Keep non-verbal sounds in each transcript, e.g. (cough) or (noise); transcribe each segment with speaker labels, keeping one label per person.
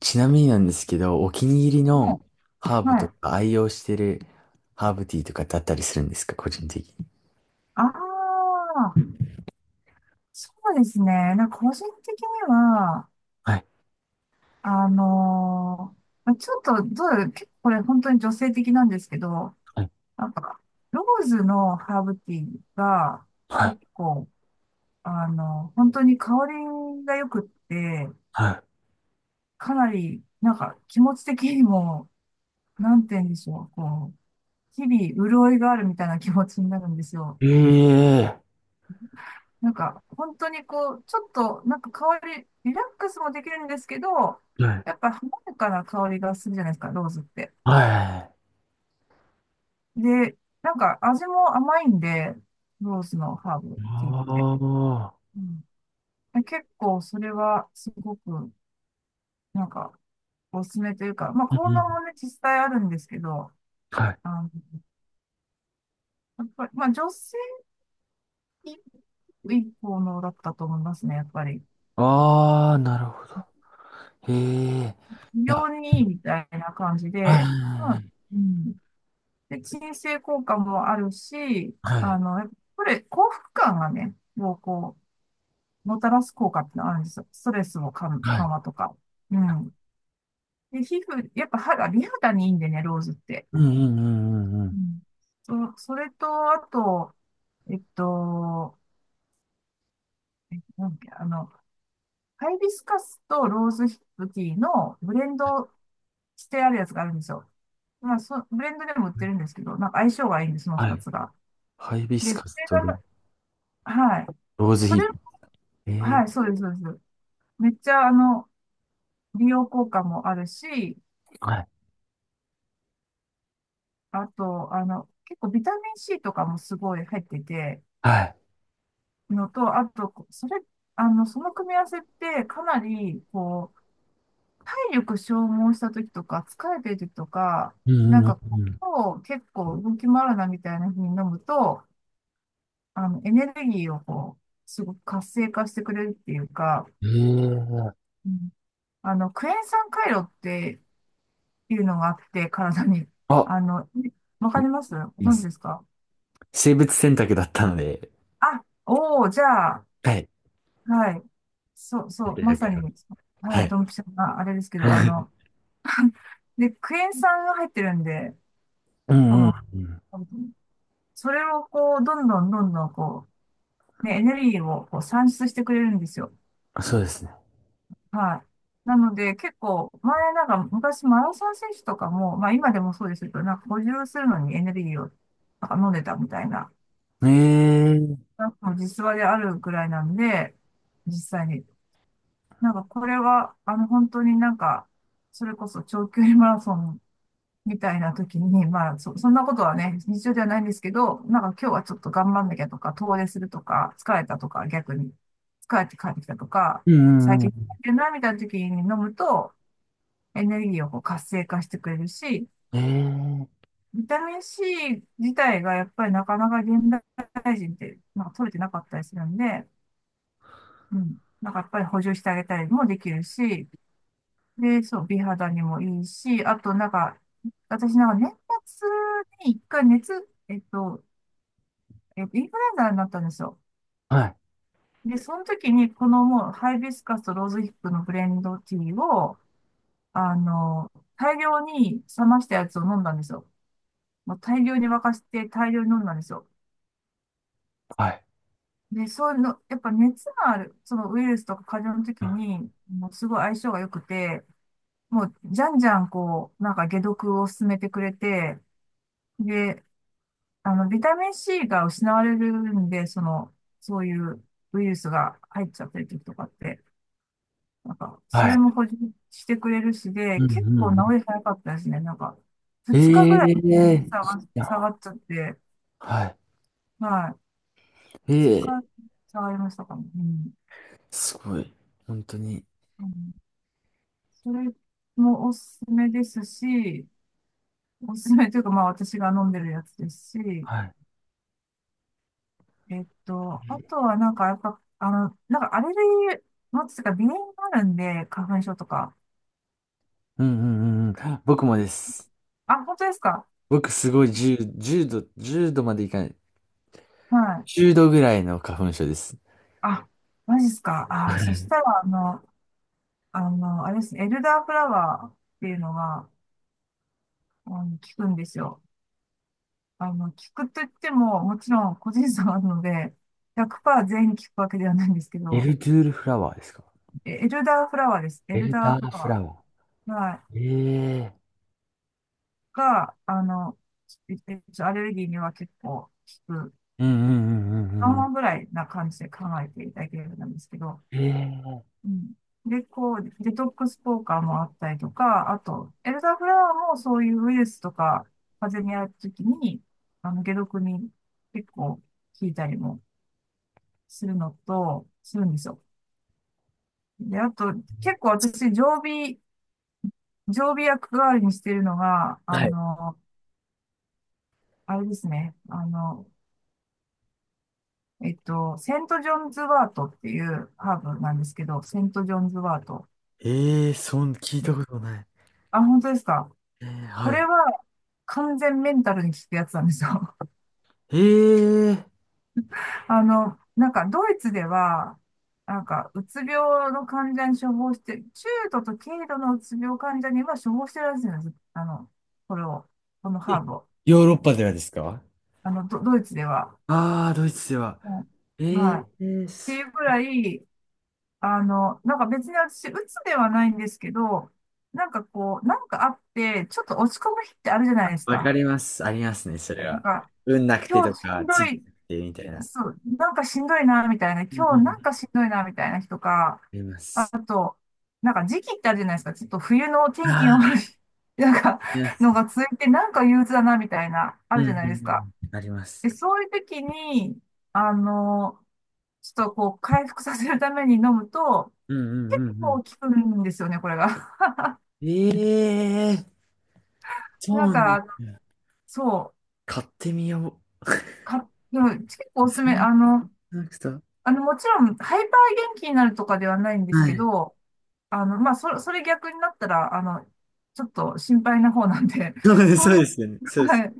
Speaker 1: ちなみになんですけど、お気に入り
Speaker 2: は
Speaker 1: の
Speaker 2: い。
Speaker 1: ハーブ
Speaker 2: は
Speaker 1: と
Speaker 2: い。
Speaker 1: か愛用してるハーブティーとかだったりするんですか、個人的に。
Speaker 2: ああ、そうですね。なんか個人的には、
Speaker 1: はい、
Speaker 2: まあちょっと、どう、結構これ本当に女性的なんですけど、
Speaker 1: はい、
Speaker 2: なんか、ローズのハーブティーが
Speaker 1: は
Speaker 2: 結
Speaker 1: い、
Speaker 2: 構、あの、本当に香りが良くって、
Speaker 1: は
Speaker 2: かなり、なんか気持ち的にも、なんて言うんでしょう、こう、日々潤いがあるみたいな気持ちになるんですよ。
Speaker 1: い。ええ、
Speaker 2: なんか、本当にこう、ちょっと、なんか香り、リラックスもできるんですけど、
Speaker 1: はい。
Speaker 2: やっぱ華やかな香りがするじゃないですか、ローズって。
Speaker 1: は
Speaker 2: で、なんか味も甘いんで、ローズのハー
Speaker 1: い。
Speaker 2: ブティーっ
Speaker 1: あ
Speaker 2: て。
Speaker 1: あ、
Speaker 2: うん、で結構それはすごく、なんか、おすすめというか、まあ、
Speaker 1: うん
Speaker 2: 効
Speaker 1: う
Speaker 2: 能
Speaker 1: ん。
Speaker 2: もね、実際あるんですけど、
Speaker 1: はい。
Speaker 2: あの、やっぱり、まあ、女性にいい効能だったと思いますね、やっぱり。
Speaker 1: ああ、なるほど。へえ。
Speaker 2: 非
Speaker 1: い
Speaker 2: 常
Speaker 1: や、
Speaker 2: にいいみたいな感じ
Speaker 1: は
Speaker 2: で、まあ、
Speaker 1: い、
Speaker 2: うん、で、鎮静効果もあるし、
Speaker 1: は
Speaker 2: あ
Speaker 1: い、
Speaker 2: の、やっぱこれ、幸福感がね、もうこう、もたらす効果ってのがあるんですよ。ストレスも緩
Speaker 1: は
Speaker 2: 緩
Speaker 1: い。
Speaker 2: 和とか。うん。で、皮膚、やっぱ肌、美肌にいいんでね、ローズって。
Speaker 1: うんうんうんう
Speaker 2: う
Speaker 1: ん
Speaker 2: ん。そ、それと、あと、えっと、なんだっけ、あの、ハイビスカスとローズヒップティーのブレンドしてあるやつがあるんですよ。まあ、そ、ブレンドでも売っ
Speaker 1: う
Speaker 2: て
Speaker 1: ん。
Speaker 2: るんですけど、なんか相性がいいんです、その
Speaker 1: は
Speaker 2: 二
Speaker 1: い。
Speaker 2: つが。
Speaker 1: ハイビス
Speaker 2: で、そ
Speaker 1: カス
Speaker 2: れ
Speaker 1: とロ
Speaker 2: が、はい。
Speaker 1: ーズ
Speaker 2: そ
Speaker 1: ヒ
Speaker 2: れ、
Speaker 1: ップ。え
Speaker 2: は
Speaker 1: え、
Speaker 2: い、そうです、そうです。めっちゃ、あの、美容効果もあるし、
Speaker 1: はい、
Speaker 2: あと、あの、結構ビタミン C とかもすごい入ってて、
Speaker 1: はい。
Speaker 2: のと、あと、それ、あの、その組み合わせってかなり、こう、体力消耗した時とか、疲れてる時とか、
Speaker 1: う
Speaker 2: なん
Speaker 1: んうん
Speaker 2: か
Speaker 1: うん
Speaker 2: こう、結構動き回るなみたいな風に飲むと、あの、エネルギーをこう、すごく活性化してくれるっていうか、
Speaker 1: うん。ええ、
Speaker 2: うん、あの、クエン酸回路ってていうのがあって、体に。
Speaker 1: あ、
Speaker 2: あの、わかります
Speaker 1: う
Speaker 2: ご存知です
Speaker 1: ん、
Speaker 2: か？
Speaker 1: 生物選択だったので、
Speaker 2: あ、おお、じゃあ、
Speaker 1: はい。
Speaker 2: はい。そう、
Speaker 1: 絶
Speaker 2: そう、
Speaker 1: 対わ
Speaker 2: ま
Speaker 1: か
Speaker 2: さ
Speaker 1: ります。
Speaker 2: に、は
Speaker 1: は
Speaker 2: い、
Speaker 1: い。
Speaker 2: ドンピシャな、あれですけど、あの、
Speaker 1: (laughs)
Speaker 2: で、クエン酸が入ってるんで、
Speaker 1: う
Speaker 2: こ
Speaker 1: んう
Speaker 2: の、
Speaker 1: んう
Speaker 2: それをこう、どんどんどんどんこう、ね、エネルギーをこう産出してくれるんですよ。
Speaker 1: ん。そうですね。
Speaker 2: はい。なので、結構、前なんか、昔マラソン選手とかも、まあ今でもそうですけど、なんか補充するのにエネルギーをなんか飲んでたみたいな、
Speaker 1: ええー。
Speaker 2: なんか実話であるくらいなんで、実際に。なんかこれは、あの、本当になんか、それこそ長距離マラソンみたいな時に、まあ、そ、そんなことはね、日常ではないんですけど、なんか今日はちょっと頑張んなきゃとか、遠出するとか、疲れたとか、逆に、疲れて帰ってきたとか、
Speaker 1: うんう
Speaker 2: 最
Speaker 1: んう
Speaker 2: 近疲れ
Speaker 1: ん。
Speaker 2: てるな、みたいな時に飲むと、エネルギーをこう活性化してくれるし、
Speaker 1: ええ
Speaker 2: ビタミン C 自体がやっぱりなかなか現代人って、まあ、取れてなかったりするんで、うん。なんかやっぱり補充してあげたりもできるし、で、そう、美肌にもいいし、あとなんか、私なんか年末に一回熱、えっと、インフルエンザになったんですよ。
Speaker 1: ー。はい。
Speaker 2: で、その時にこのもうハイビスカスとローズヒップのブレンドティーを、あの、大量に冷ましたやつを飲んだんですよ。もう大量に沸かして大量に飲んだんですよ。
Speaker 1: はい。
Speaker 2: で、そういうの、やっぱ熱がある、そのウイルスとか風邪の時に、もうすごい相性が良くて、もう、じゃんじゃん、こう、なんか解毒を進めてくれて、で、あの、ビタミン C が失われるんで、その、そういうウイルスが入っちゃってる時とかって、なんか、そ
Speaker 1: は
Speaker 2: れ
Speaker 1: い。
Speaker 2: も補充してくれるしで、
Speaker 1: うん
Speaker 2: 結
Speaker 1: う
Speaker 2: 構
Speaker 1: んう
Speaker 2: 治り早かったですね。なんか、
Speaker 1: ん。
Speaker 2: 2日
Speaker 1: え
Speaker 2: ぐらい
Speaker 1: えー。い
Speaker 2: 下が
Speaker 1: や、
Speaker 2: っちゃって、
Speaker 1: はい。
Speaker 2: はい。
Speaker 1: ええー。
Speaker 2: 2日下がりましたかね。うん。
Speaker 1: すごい。本当に。
Speaker 2: うん、それもおすすめですし、おすすめというか、まあ私が飲んでるやつですし、
Speaker 1: はい。
Speaker 2: あとはなんか、やっぱ、あの、なんかアレルギー持つとか、鼻炎があるんで、花粉症とか。
Speaker 1: うんうんうんうん。僕もです。
Speaker 2: あ、本当ですか？
Speaker 1: 僕すごい10度、1度までいかない。
Speaker 2: はい。
Speaker 1: 10度ぐらいの花粉症です。
Speaker 2: あ、マジですか？
Speaker 1: は
Speaker 2: あ、そし
Speaker 1: い。
Speaker 2: たら、あの、あの、あれですね、エルダーフラワーっていうのが、あの、効くんですよ。あの、効くといっても、もちろん個人差があるので、100%全員効くわけではないんですけ
Speaker 1: エ
Speaker 2: ど、
Speaker 1: ルドゥールフラワーですか？
Speaker 2: エルダーフラワーです。エ
Speaker 1: エ
Speaker 2: ル
Speaker 1: ル
Speaker 2: ダ
Speaker 1: ダ
Speaker 2: ーフ
Speaker 1: ー
Speaker 2: ラ
Speaker 1: フ
Speaker 2: ワ
Speaker 1: ラワ
Speaker 2: ー。はい。
Speaker 1: ー。ええ、
Speaker 2: が、あの、えっアレルギーには結構効く。
Speaker 1: うんうんうんう
Speaker 2: 3
Speaker 1: んう
Speaker 2: 話
Speaker 1: ん。
Speaker 2: ぐらいな感じで考えていただけるんですけど、
Speaker 1: ええ
Speaker 2: うん、で、こう、デトックスポーカーもあったりとか、あと、エルダーフラワーもそういうウイルスとか、風邪にあるときに、あの、解毒に結構効いたりもするのと、するんですよ。で、あと、結構私、常備、常備薬代わりにしてるのが、
Speaker 1: ー、
Speaker 2: あ
Speaker 1: はい。
Speaker 2: の、あれですね、あの、セント・ジョンズ・ワートっていうハーブなんですけど、セント・ジョンズ・ワート。
Speaker 1: ええー、聞いたことない。
Speaker 2: あ、本当ですか？
Speaker 1: ええ、は
Speaker 2: これ
Speaker 1: い。
Speaker 2: は完全メンタルに効くやつなんですよ。
Speaker 1: ええー
Speaker 2: (laughs) あの、なんかドイツでは、なんかうつ病の患者に処方して、中度と軽度のうつ病患者には処方してるらしいんです。あの、これを、このハーブを。
Speaker 1: ヨーロッパではですか？
Speaker 2: あの、ド、ドイツでは。
Speaker 1: ああー、ドイツでは。
Speaker 2: う
Speaker 1: え
Speaker 2: ん。
Speaker 1: ー
Speaker 2: はい。っ
Speaker 1: えー、
Speaker 2: て
Speaker 1: す
Speaker 2: いうくらい、あの、なんか別に私、うつではないんですけど、なんかこう、なんかあって、ちょっと落ち込む日ってあるじゃないです
Speaker 1: わか
Speaker 2: か。
Speaker 1: ります。ありますね、それ
Speaker 2: なん
Speaker 1: は。
Speaker 2: か、
Speaker 1: 運なくて
Speaker 2: 今
Speaker 1: と
Speaker 2: 日し
Speaker 1: か、
Speaker 2: んど
Speaker 1: 地域
Speaker 2: い、
Speaker 1: なくてみたいな。
Speaker 2: そう、なんかしんどいな、みたいな。
Speaker 1: うん
Speaker 2: 今
Speaker 1: う
Speaker 2: 日な
Speaker 1: ん。
Speaker 2: んか
Speaker 1: あ
Speaker 2: しんどいな、みたいな日とか、
Speaker 1: りま
Speaker 2: あ
Speaker 1: す。
Speaker 2: と、なんか時期ってあるじゃないですか。ちょっと冬の
Speaker 1: あ
Speaker 2: 天
Speaker 1: あ、
Speaker 2: 気の
Speaker 1: あ
Speaker 2: 悪い、(laughs) なんか、
Speaker 1: りま
Speaker 2: の
Speaker 1: す。
Speaker 2: が続いて、なんか憂鬱だな、みたいな、あ
Speaker 1: う
Speaker 2: る
Speaker 1: ん
Speaker 2: じゃ
Speaker 1: う
Speaker 2: ないですか。
Speaker 1: んうん。あります。
Speaker 2: で、そういう時に、あの、ちょっとこう、回復させるために飲むと、
Speaker 1: うんう
Speaker 2: 結
Speaker 1: んうんう
Speaker 2: 構効くんですよね、これが。
Speaker 1: ん。ええー、
Speaker 2: (laughs)
Speaker 1: そう
Speaker 2: なん
Speaker 1: なんだ。
Speaker 2: かそう、
Speaker 1: 買ってみよ
Speaker 2: か、でも結構
Speaker 1: う。
Speaker 2: おすすめ、
Speaker 1: 全
Speaker 2: あの、
Speaker 1: 然なくた。
Speaker 2: あの、もちろん、ハイパー元気になるとかではないんです
Speaker 1: は
Speaker 2: け
Speaker 1: い。
Speaker 2: ど、あの、まあ、それ、それ逆になったら、あの、ちょっと心配な方なんで、
Speaker 1: そう
Speaker 2: (laughs)
Speaker 1: です、
Speaker 2: そ
Speaker 1: そ
Speaker 2: う
Speaker 1: う
Speaker 2: いう、
Speaker 1: ですよね。そうです。
Speaker 2: はい。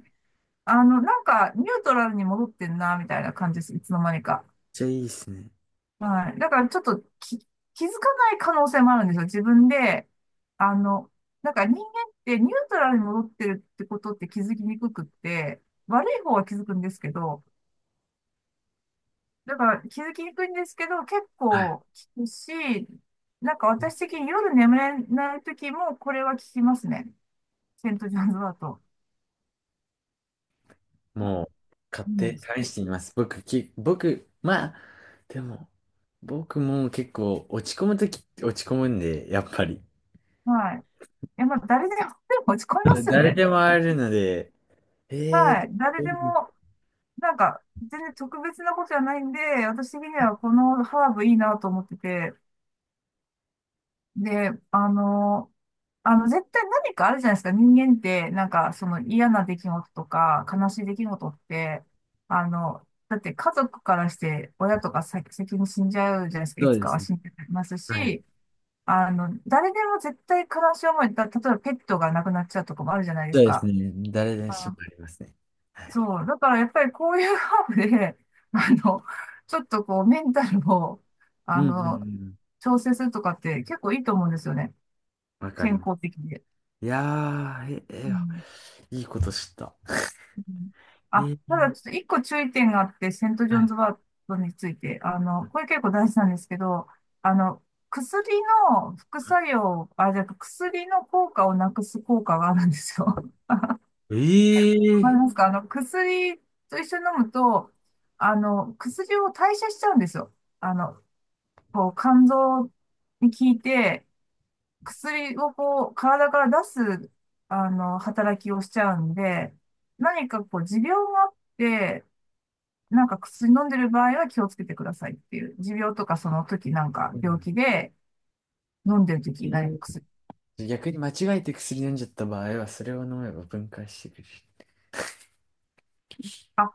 Speaker 2: あの、なんか、ニュートラルに戻ってんな、みたいな感じです。いつの間にか。
Speaker 1: ちゃいいですね。
Speaker 2: はい。だから、ちょっとき、気づかない可能性もあるんですよ。自分で。あの、なんか人間ってニュートラルに戻ってるってことって気づきにくくって、悪い方は気づくんですけど、だから気づきにくいんですけど、結
Speaker 1: はい。
Speaker 2: 構聞くし、なんか私的に夜眠れない時もこれは聞きますね。セントジョーンズだと。
Speaker 1: もう、買っ
Speaker 2: うん、
Speaker 1: て
Speaker 2: し、
Speaker 1: 試してみます。僕、まあ、でも、僕も結構落ち込むとき落ち込むんで、やっぱり。
Speaker 2: はい。いや、まあ、誰でも、でも落ち込みま
Speaker 1: (laughs)
Speaker 2: すよ
Speaker 1: 誰
Speaker 2: ね。
Speaker 1: でもあるので、えー、
Speaker 2: はい。誰
Speaker 1: そ
Speaker 2: で
Speaker 1: う
Speaker 2: も、なんか、全然特別なことじゃないんで、私的にはこのハーブいいなと思ってて、で、あの、あの、絶対何かあるじゃないですか。人間って、なんか、その嫌な出来事とか、悲しい出来事って、あの、だって家族からして、親とか先に死んじゃうじゃないですか。いつ
Speaker 1: で
Speaker 2: か
Speaker 1: す
Speaker 2: は
Speaker 1: ね。
Speaker 2: 死んじゃいます
Speaker 1: はい。
Speaker 2: し、あの、誰でも絶対悲しい思い、だ、例えばペットが亡くなっちゃうとかもあるじゃないで
Speaker 1: そ
Speaker 2: す
Speaker 1: うです
Speaker 2: か。
Speaker 1: ね。誰でしも
Speaker 2: あ、
Speaker 1: ありますね。
Speaker 2: そう。だからやっぱりこういうハーブで、(laughs) あの、ちょっとこうメンタルを、
Speaker 1: う
Speaker 2: あ
Speaker 1: んうんう
Speaker 2: の、
Speaker 1: ん。
Speaker 2: 調整するとかって結構いいと思うんですよね。
Speaker 1: わか
Speaker 2: 健
Speaker 1: ります。
Speaker 2: 康的で。
Speaker 1: いやー、
Speaker 2: うん。
Speaker 1: いいこと知った。
Speaker 2: うん、
Speaker 1: え
Speaker 2: あ、ただ
Speaker 1: ー、
Speaker 2: ちょっと一個注意点があって、セントジ
Speaker 1: は
Speaker 2: ョン
Speaker 1: い。
Speaker 2: ズワートについて、あの、これ結構大事なんですけど、あの、薬の副作用、あ、じゃあ薬の効果をなくす効果があるんですよ。
Speaker 1: えー、
Speaker 2: わかりますか？あの、薬と一緒に飲むと、あの、薬を代謝しちゃうんですよ。あの、こう、肝臓に効いて、薬をこう、体から出す、あの、働きをしちゃうんで、何かこう、持病があって、なんか薬飲んでる場合は気をつけてくださいっていう。持病とかその時なんか
Speaker 1: う
Speaker 2: 病
Speaker 1: ん、
Speaker 2: 気で飲んでる
Speaker 1: え
Speaker 2: 時何か
Speaker 1: ー
Speaker 2: 薬。
Speaker 1: 逆に間違えて薬飲んじゃった場合は、それを飲めば分解してくれる。
Speaker 2: あ、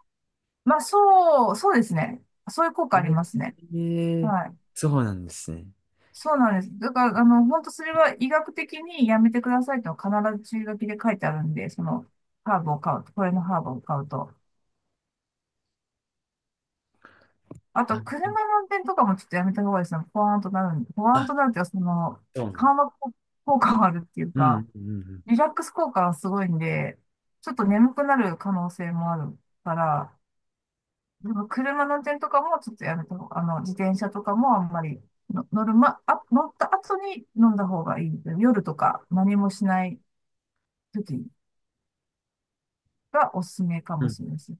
Speaker 2: まあそう、そうですね。そういう効果
Speaker 1: え
Speaker 2: ありますね。
Speaker 1: ー、え
Speaker 2: はい。
Speaker 1: そうなんですね。
Speaker 2: そうなんです。だから、あの、本当それは医学的にやめてくださいと必ず注意書きで書いてあるんで、その、ハーブを買うと、これのハーブを買うと。あ
Speaker 1: あ、
Speaker 2: と、車の運転とかもちょっとやめた方がいいですね。ポワーンとなるんで、ポワーン
Speaker 1: あ、
Speaker 2: となるっていうか、その、
Speaker 1: そうなん、
Speaker 2: 緩和効果があるっていう
Speaker 1: う
Speaker 2: か、
Speaker 1: ん、うん、
Speaker 2: リラックス効果はすごいんで、ちょっと眠くなる可能性もあるから、でも車の運転とかもちょっとやめた方が、あの、自転車とかもあんまりの乗る、ま、あ、乗った後に飲んだ方がいい。夜とか何もしない時がおすすめか
Speaker 1: うん。
Speaker 2: も
Speaker 1: う
Speaker 2: しれ
Speaker 1: ん、
Speaker 2: ないです。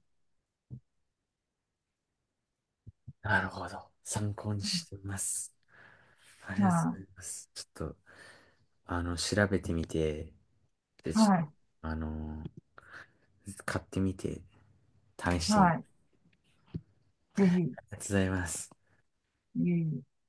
Speaker 1: なるほど。参考にしています。ありがとう
Speaker 2: は
Speaker 1: ございます。ちょっと、調べてみて、で、
Speaker 2: い。
Speaker 1: ちょっ
Speaker 2: はい。
Speaker 1: と、買ってみて、試してみま
Speaker 2: はい。
Speaker 1: す。
Speaker 2: ぜひ、
Speaker 1: ありがとうございます。
Speaker 2: いえいえ